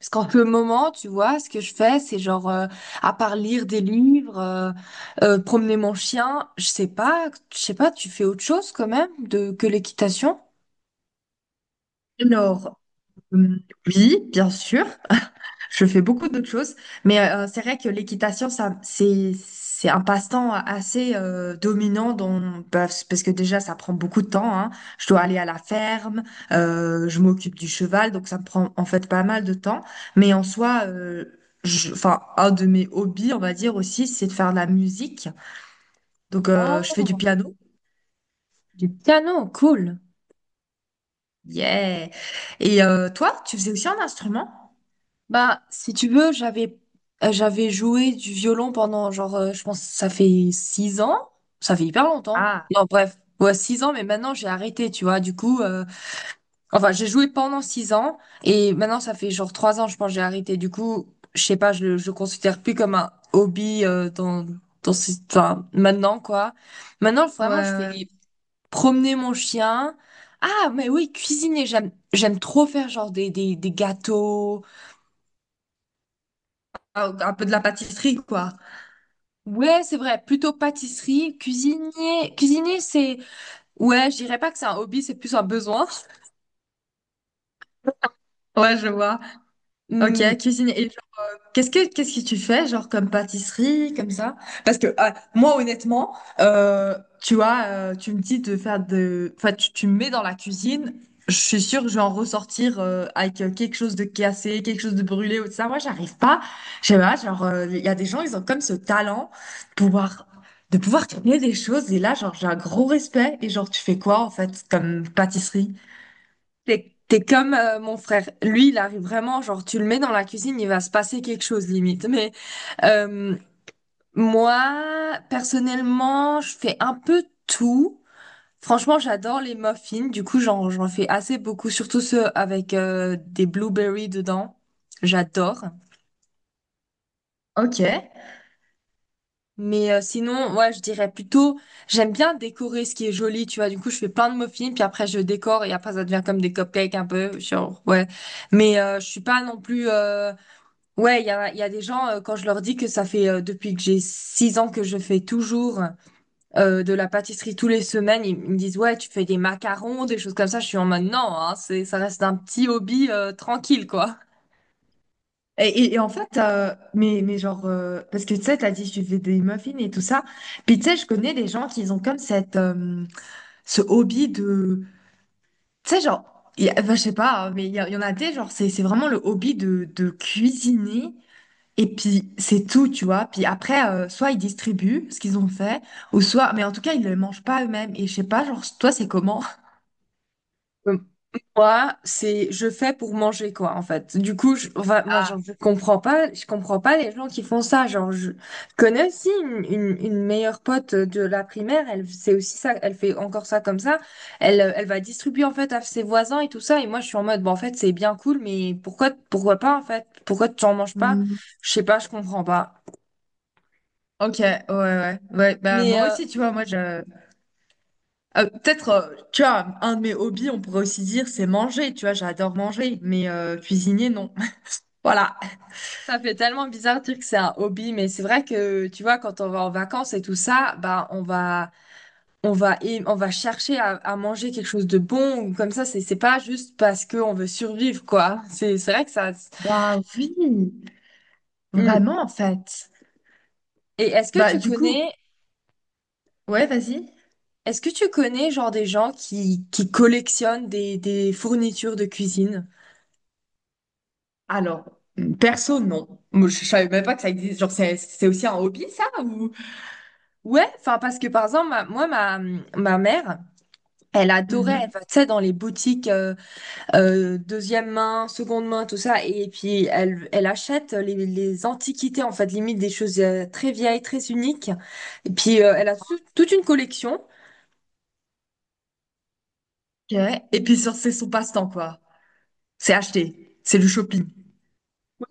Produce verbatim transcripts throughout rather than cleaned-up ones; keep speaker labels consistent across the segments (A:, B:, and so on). A: Parce qu'en ce moment, tu vois, ce que je fais, c'est genre, euh, à part lire des livres, euh, euh, promener mon chien, je sais pas, je sais pas, tu fais autre chose quand même de, que l'équitation?
B: Alors, hum, oui, bien sûr, je fais beaucoup d'autres choses, mais euh, c'est vrai que l'équitation, ça, c'est, c'est un passe-temps assez euh, dominant dans, parce parce que déjà, ça prend beaucoup de temps, hein. Je dois aller à la ferme, euh, je m'occupe du cheval, donc ça me prend en fait pas mal de temps, mais en soi, euh, je- enfin, un de mes hobbies, on va dire aussi, c'est de faire de la musique. Donc, euh, je fais du
A: Oh,
B: piano,
A: du piano, cool.
B: yeah! Et euh, toi, tu faisais aussi un instrument?
A: Bah, si tu veux, j'avais euh, j'avais joué du violon pendant genre, euh, je pense, que ça fait six ans. Ça fait hyper longtemps.
B: Ah,
A: Non, bref, ouais, six ans, mais maintenant j'ai arrêté, tu vois. Du coup, euh, enfin, j'ai joué pendant six ans et maintenant ça fait genre trois ans, je pense, que j'ai arrêté. Du coup, je sais pas, je le, je le considère plus comme un hobby euh, dans, dans ce- enfin, maintenant quoi. Maintenant,
B: ouais,
A: vraiment, je fais
B: ouais. ouais.
A: promener mon chien. Ah, mais oui, cuisiner, j'aime, j'aime trop faire genre des, des, des gâteaux.
B: Ah, un peu de la pâtisserie, quoi.
A: Ouais, c'est vrai, plutôt pâtisserie, cuisiner, cuisiner, c'est, ouais, je dirais pas que c'est un hobby, c'est plus un besoin.
B: Ouais, je vois. Ok, cuisine. Et genre, qu'est-ce que qu'est-ce que tu fais, genre comme pâtisserie, comme ça? Parce que ah, moi, honnêtement, euh, tu vois, euh, tu me dis de faire de, enfin, tu, tu me mets dans la cuisine. Je suis sûre que je vais en ressortir euh, avec euh, quelque chose de cassé, quelque chose de brûlé ou tout ça. Moi, j'arrive pas. Je sais pas. Genre, euh, il y a des gens, ils ont comme ce talent de pouvoir de pouvoir créer des choses. Et là, genre, j'ai un gros respect. Et genre, tu fais quoi en fait comme pâtisserie?
A: T'es, t'es comme euh, mon frère. Lui, il arrive vraiment, genre, tu le mets dans la cuisine, il va se passer quelque chose, limite. Mais euh, moi, personnellement, je fais un peu tout. Franchement, j'adore les muffins. Du coup, j'en, j'en fais assez beaucoup, surtout ceux avec euh, des blueberries dedans. J'adore.
B: Ok.
A: Mais euh, sinon, ouais, je dirais plutôt, j'aime bien décorer ce qui est joli, tu vois. Du coup, je fais plein de muffins, puis après, je décore, et après, ça devient comme des cupcakes un peu, genre, ouais. Mais euh, je suis pas non plus euh, ouais, il y a, il y a des gens, euh, quand je leur dis que ça fait euh, depuis que j'ai six ans que je fais toujours euh, de la pâtisserie tous les semaines, ils, ils me disent, ouais, tu fais des macarons, des choses comme ça. Je suis en mode, non, hein, c'est, ça reste un petit hobby euh, tranquille, quoi.
B: Et, et- et en fait, euh, mais, mais genre, euh, parce que tu sais, t'as dit, je fais des muffins et tout ça. Puis tu sais, je connais des gens qui ont comme cette, euh, ce hobby de. Tu sais, genre, il y a- enfin, je sais pas, hein, mais il y, a- il y en a des, genre, c'est c'est vraiment le hobby de, de cuisiner. Et puis, c'est tout, tu vois. Puis après, euh, soit ils distribuent ce qu'ils ont fait, ou soit. Mais en tout cas, ils ne le mangent pas eux-mêmes. Et je sais pas, genre, toi, c'est comment?
A: Moi, c'est je fais pour manger quoi en fait. Du coup, je, enfin, moi genre,
B: Ah,
A: je comprends pas, je comprends pas les gens qui font ça. Genre, je connais aussi une, une, une meilleure pote de la primaire, elle c'est aussi ça, elle fait encore ça comme ça. Elle euh, elle, va distribuer en fait à ses voisins et tout ça. Et moi, je suis en mode bon en fait c'est bien cool, mais pourquoi pourquoi pas en fait? Pourquoi tu en manges pas?
B: hmm,
A: Je sais pas, je comprends pas.
B: ok, ouais, ouais. Ouais, bah,
A: Mais
B: moi
A: euh,
B: aussi, tu vois, moi, je. Euh, peut-être, euh, tu vois, un de mes hobbies, on pourrait aussi dire, c'est manger, tu vois, j'adore manger, mais euh, cuisiner, non. Voilà.
A: ça fait tellement bizarre de dire que c'est un hobby, mais c'est vrai que tu vois quand on va en vacances et tout ça, bah on va on va aim- on va chercher à, à manger quelque chose de bon ou comme ça, c'est c'est pas juste parce que on veut survivre quoi, c'est c'est vrai que ça.
B: Bah oui,
A: Hmm.
B: vraiment en fait.
A: Et est-ce que
B: Bah
A: tu
B: du coup,
A: connais
B: ouais, vas-y.
A: est-ce que tu connais genre des gens qui qui collectionnent des des fournitures de cuisine?
B: Alors, perso, non. Moi, je, je savais même pas que ça existe. Genre, c'est c'est aussi un hobby, ça, ou...
A: Ouais, enfin, parce que par exemple ma- moi ma ma mère, elle adorait, elle
B: Mhm.
A: va, tu sais, dans les boutiques euh, euh, deuxième main, seconde main, tout ça. Et puis, elle, elle achète les, les antiquités, en fait, limite des choses euh, très vieilles, très uniques. Et puis, euh, elle a tout- toute une collection.
B: Ok. Et puis, sur- c'est son passe-temps, quoi. C'est acheter, c'est du shopping.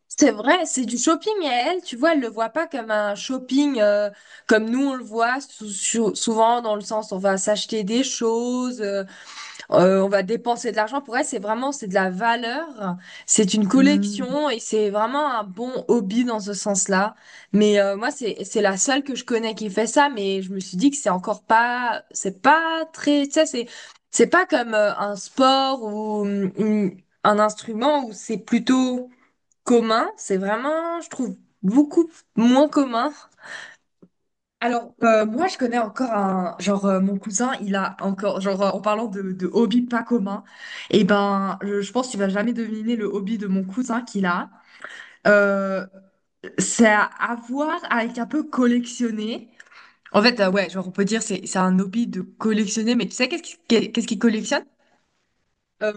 A: C'est vrai, c'est du shopping et elle, tu vois, elle le voit pas comme un shopping euh, comme nous on le voit sou- sou- souvent dans le sens on va s'acheter des choses, euh, Euh, on va dépenser de l'argent. Pour elle, c'est vraiment, c'est de la valeur. C'est une collection et c'est vraiment un bon hobby dans ce sens-là. Mais euh, moi, c'est, c'est la seule que je connais qui fait ça. Mais je me suis dit que c'est encore pas, c'est pas très, tu sais, c'est, c'est pas comme euh, un sport ou hum, une- un instrument où c'est plutôt commun. C'est vraiment, je trouve, beaucoup moins commun.
B: Alors, euh, moi, je connais encore un, genre, euh, mon cousin, il a encore, genre, euh, en parlant de, de hobby pas commun, et ben, je, je pense que tu vas jamais deviner le hobby de mon cousin qu'il a. Euh, c'est à, à voir avec un peu collectionner. En fait, euh, ouais, genre, on peut dire c'est c'est un hobby de collectionner, mais tu sais qu'est-ce qu'il- qu'est-ce qu'il collectionne?
A: Euh,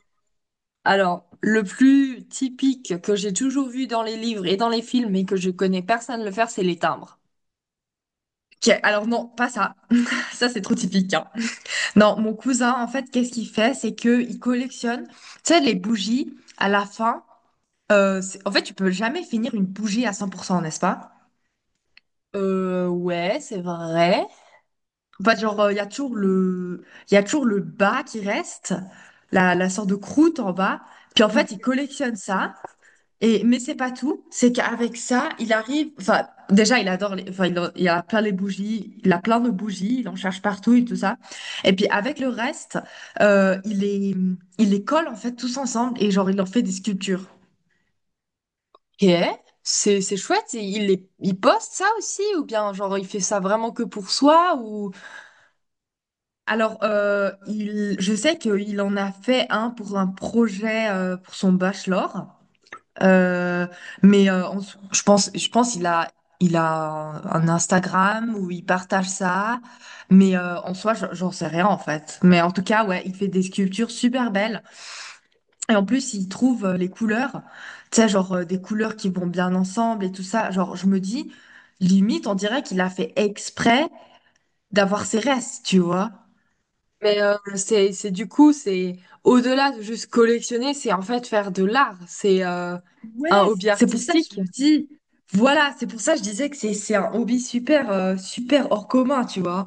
A: Alors, le plus typique que j'ai toujours vu dans les livres et dans les films, mais que je connais personne le faire, c'est les timbres.
B: Ok, alors non, pas ça. Ça, c'est trop typique, hein. Non, mon cousin, en fait, qu'est-ce qu'il fait? C'est que il collectionne, tu sais, les bougies à la fin. Euh, c'est- en fait, tu peux jamais finir une bougie à cent pour cent, n'est-ce pas?
A: Euh, ouais, c'est vrai.
B: En fait, genre, euh, il y a toujours le, il y a toujours le bas qui reste, la, la sorte de croûte en bas. Puis en fait, il collectionne ça. Et, mais c'est pas tout. C'est qu'avec ça, il arrive, enfin, déjà, il adore les, enfin, il, en- il a plein les bougies, il a plein de bougies, il en cherche partout et tout ça. Et puis, avec le reste, euh, il les, il les colle, en fait, tous ensemble et genre, il en fait des sculptures.
A: Ok. C'est, c'est chouette. Et il, les, il poste ça aussi, ou bien genre il fait ça vraiment que pour soi, ou?
B: Alors, euh, il, je sais qu'il en a fait un pour un projet euh, pour son bachelor. Euh, mais euh, en sou- je pense, je pense qu'il a, il a un Instagram où il partage ça, mais euh, en soi, je- j'en sais rien en fait. Mais en tout cas, ouais, il fait des sculptures super belles et en plus, il trouve euh, les couleurs, tu sais, genre euh, des couleurs qui vont bien ensemble et tout ça. Genre, je me dis, limite, on dirait qu'il a fait exprès d'avoir ses restes, tu vois.
A: Mais euh, c'est, c'est du coup, c'est au-delà de juste collectionner, c'est en fait faire de l'art. C'est euh, un
B: Ouais,
A: hobby
B: c'est pour ça que je
A: artistique.
B: me dis, voilà, c'est pour ça que je disais que c'est c'est un hobby super euh, super hors commun, tu vois.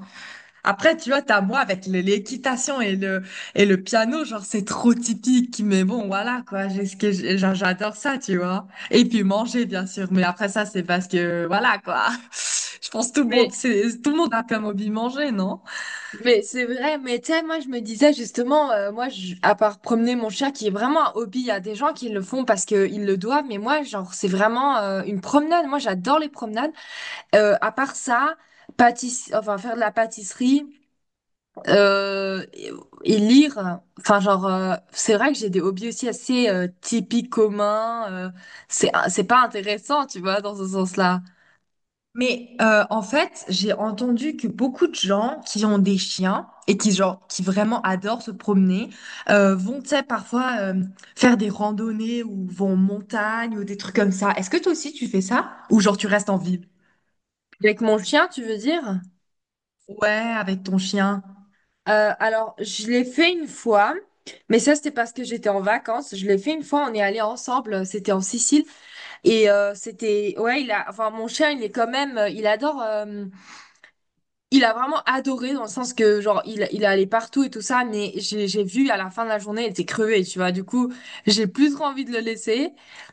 B: Après, tu vois, t'as moi avec le- l'équitation et le et le piano, genre c'est trop typique, mais bon, voilà quoi, j'ai ce que j'ai- genre, j'adore ça, tu vois. Et puis manger bien sûr, mais après ça c'est parce que voilà quoi. Je pense que tout le
A: Mais
B: monde c'est tout le monde a comme hobby manger, non?
A: Mais c'est vrai, mais tu sais, moi je me disais justement, euh, moi je- à part promener mon chien qui est vraiment un hobby, il y a des gens qui le font parce qu'ils le doivent, mais moi genre c'est vraiment euh, une promenade, moi j'adore les promenades. Euh, à part ça, pâtiss... enfin faire de la pâtisserie euh, et, et lire, enfin genre euh, c'est vrai que j'ai des hobbies aussi assez euh, typiques communs, euh, c'est c'est pas intéressant tu vois dans ce sens-là.
B: Mais euh, en fait, j'ai entendu que beaucoup de gens qui ont des chiens et qui genre qui vraiment adorent se promener euh, vont tu sais, parfois euh, faire des randonnées ou vont en montagne ou des trucs comme ça. Est-ce que toi aussi tu fais ça? Ou genre tu restes en ville?
A: Avec mon chien tu veux dire?
B: Ouais, avec ton chien.
A: Euh, alors, je l'ai fait une fois, mais ça, c'était parce que j'étais en vacances. Je l'ai fait une fois, on est allé ensemble, euh, c'était en Sicile. Et euh, c'était, ouais, il a, enfin, mon chien, il est quand même, euh, il adore, euh, il a vraiment adoré dans le sens que, genre, il, il est allé partout et tout ça, mais j'ai, j'ai vu à la fin de la journée, il était crevé, tu vois. Du coup, j'ai plus trop envie de le laisser,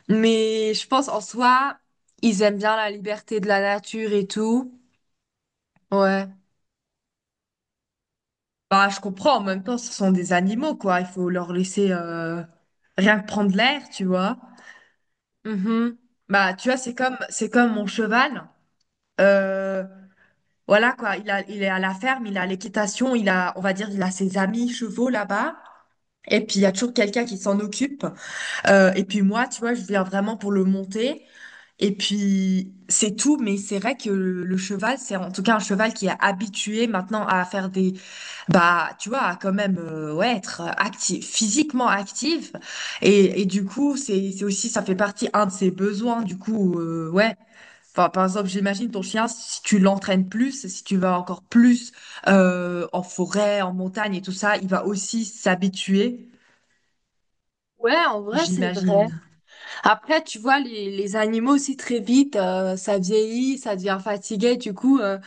A: mais je pense en soi, ils aiment bien la liberté de la nature et tout. Ouais.
B: Bah je comprends, en même temps ce sont des animaux quoi, il faut leur laisser euh, rien que prendre l'air, tu vois.
A: Mhm.
B: Bah tu vois, c'est comme c'est comme mon cheval. Euh, Voilà quoi, il a, il est à la ferme, il a l'équitation, il a, on va dire, il a ses amis chevaux là-bas. Et puis il y a toujours quelqu'un qui s'en occupe. Euh, et puis moi, tu vois, je viens vraiment pour le monter. Et puis c'est tout, mais c'est vrai que le, le cheval, c'est en tout cas un cheval qui est habitué maintenant à faire des bah, tu vois, à quand même euh, ouais, être actif, physiquement actif. Et, et du coup, c'est, c'est aussi, ça fait partie un de ses besoins. Du coup, euh, ouais. Enfin, par exemple, j'imagine ton chien, si tu l'entraînes plus, si tu vas encore plus euh, en forêt, en montagne et tout ça, il va aussi s'habituer,
A: Ouais, en vrai, c'est vrai.
B: j'imagine.
A: Après, tu vois, les, les animaux aussi très vite, euh, ça vieillit, ça devient fatigué. Du coup, euh,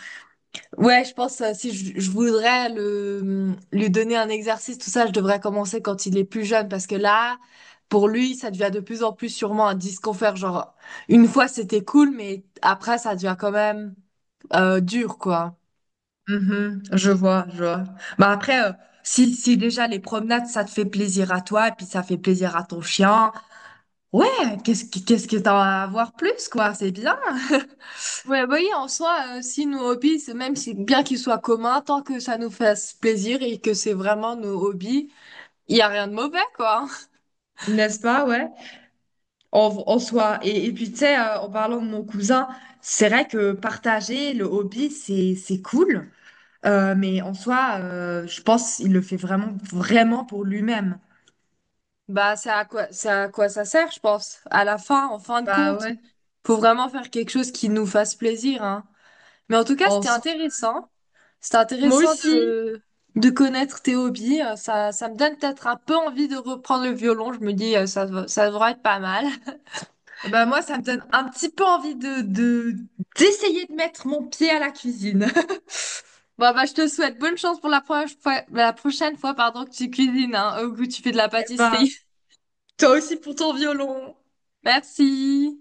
A: ouais, je pense euh, si je, je voudrais le, lui donner un exercice, tout ça, je devrais commencer quand il est plus jeune, parce que là, pour lui, ça devient de plus en plus sûrement un disconfort. Genre, une fois c'était cool, mais après, ça devient quand même euh, dur, quoi.
B: Mhm, je vois, je vois. Bah après, euh, si, si déjà les promenades, ça te fait plaisir à toi, et puis ça fait plaisir à ton chien, ouais, qu'est-ce que qu'est-ce que t'en as à voir plus, quoi? C'est bien.
A: Ouais, bah oui, en soi, euh, si nos hobbies, c'est- même si bien qu'ils soient communs, tant que ça nous fasse plaisir et que c'est vraiment nos hobbies, il y a rien de mauvais, quoi.
B: N'est-ce pas, ouais? En, en soi. Et, et puis, tu sais, euh, en parlant de mon cousin, c'est vrai que partager le hobby, c'est, c'est cool. Euh, mais en soi, euh, je pense qu'il le fait vraiment, vraiment pour lui-même.
A: Bah, c'est à quoi, c'est à quoi ça sert, je pense. À la fin, en fin de
B: Bah
A: compte,
B: ouais,
A: faut vraiment faire quelque chose qui nous fasse plaisir, hein. Mais en tout cas,
B: en
A: c'était
B: soi.
A: intéressant. C'était
B: Moi
A: intéressant
B: aussi.
A: de, de connaître tes hobbies. Euh, Ça, ça me donne peut-être un peu envie de reprendre le violon. Je me dis, euh, ça, va- ça devrait être pas mal.
B: Bah moi, ça me donne un petit peu envie de, de, d'essayer de mettre mon pied à la cuisine.
A: Bon, bah, je te souhaite bonne chance pour la, pro- fois- la prochaine fois, pardon, que tu cuisines, hein, ou que tu fais de la
B: Bah,
A: pâtisserie.
B: toi aussi pour ton violon.
A: Merci.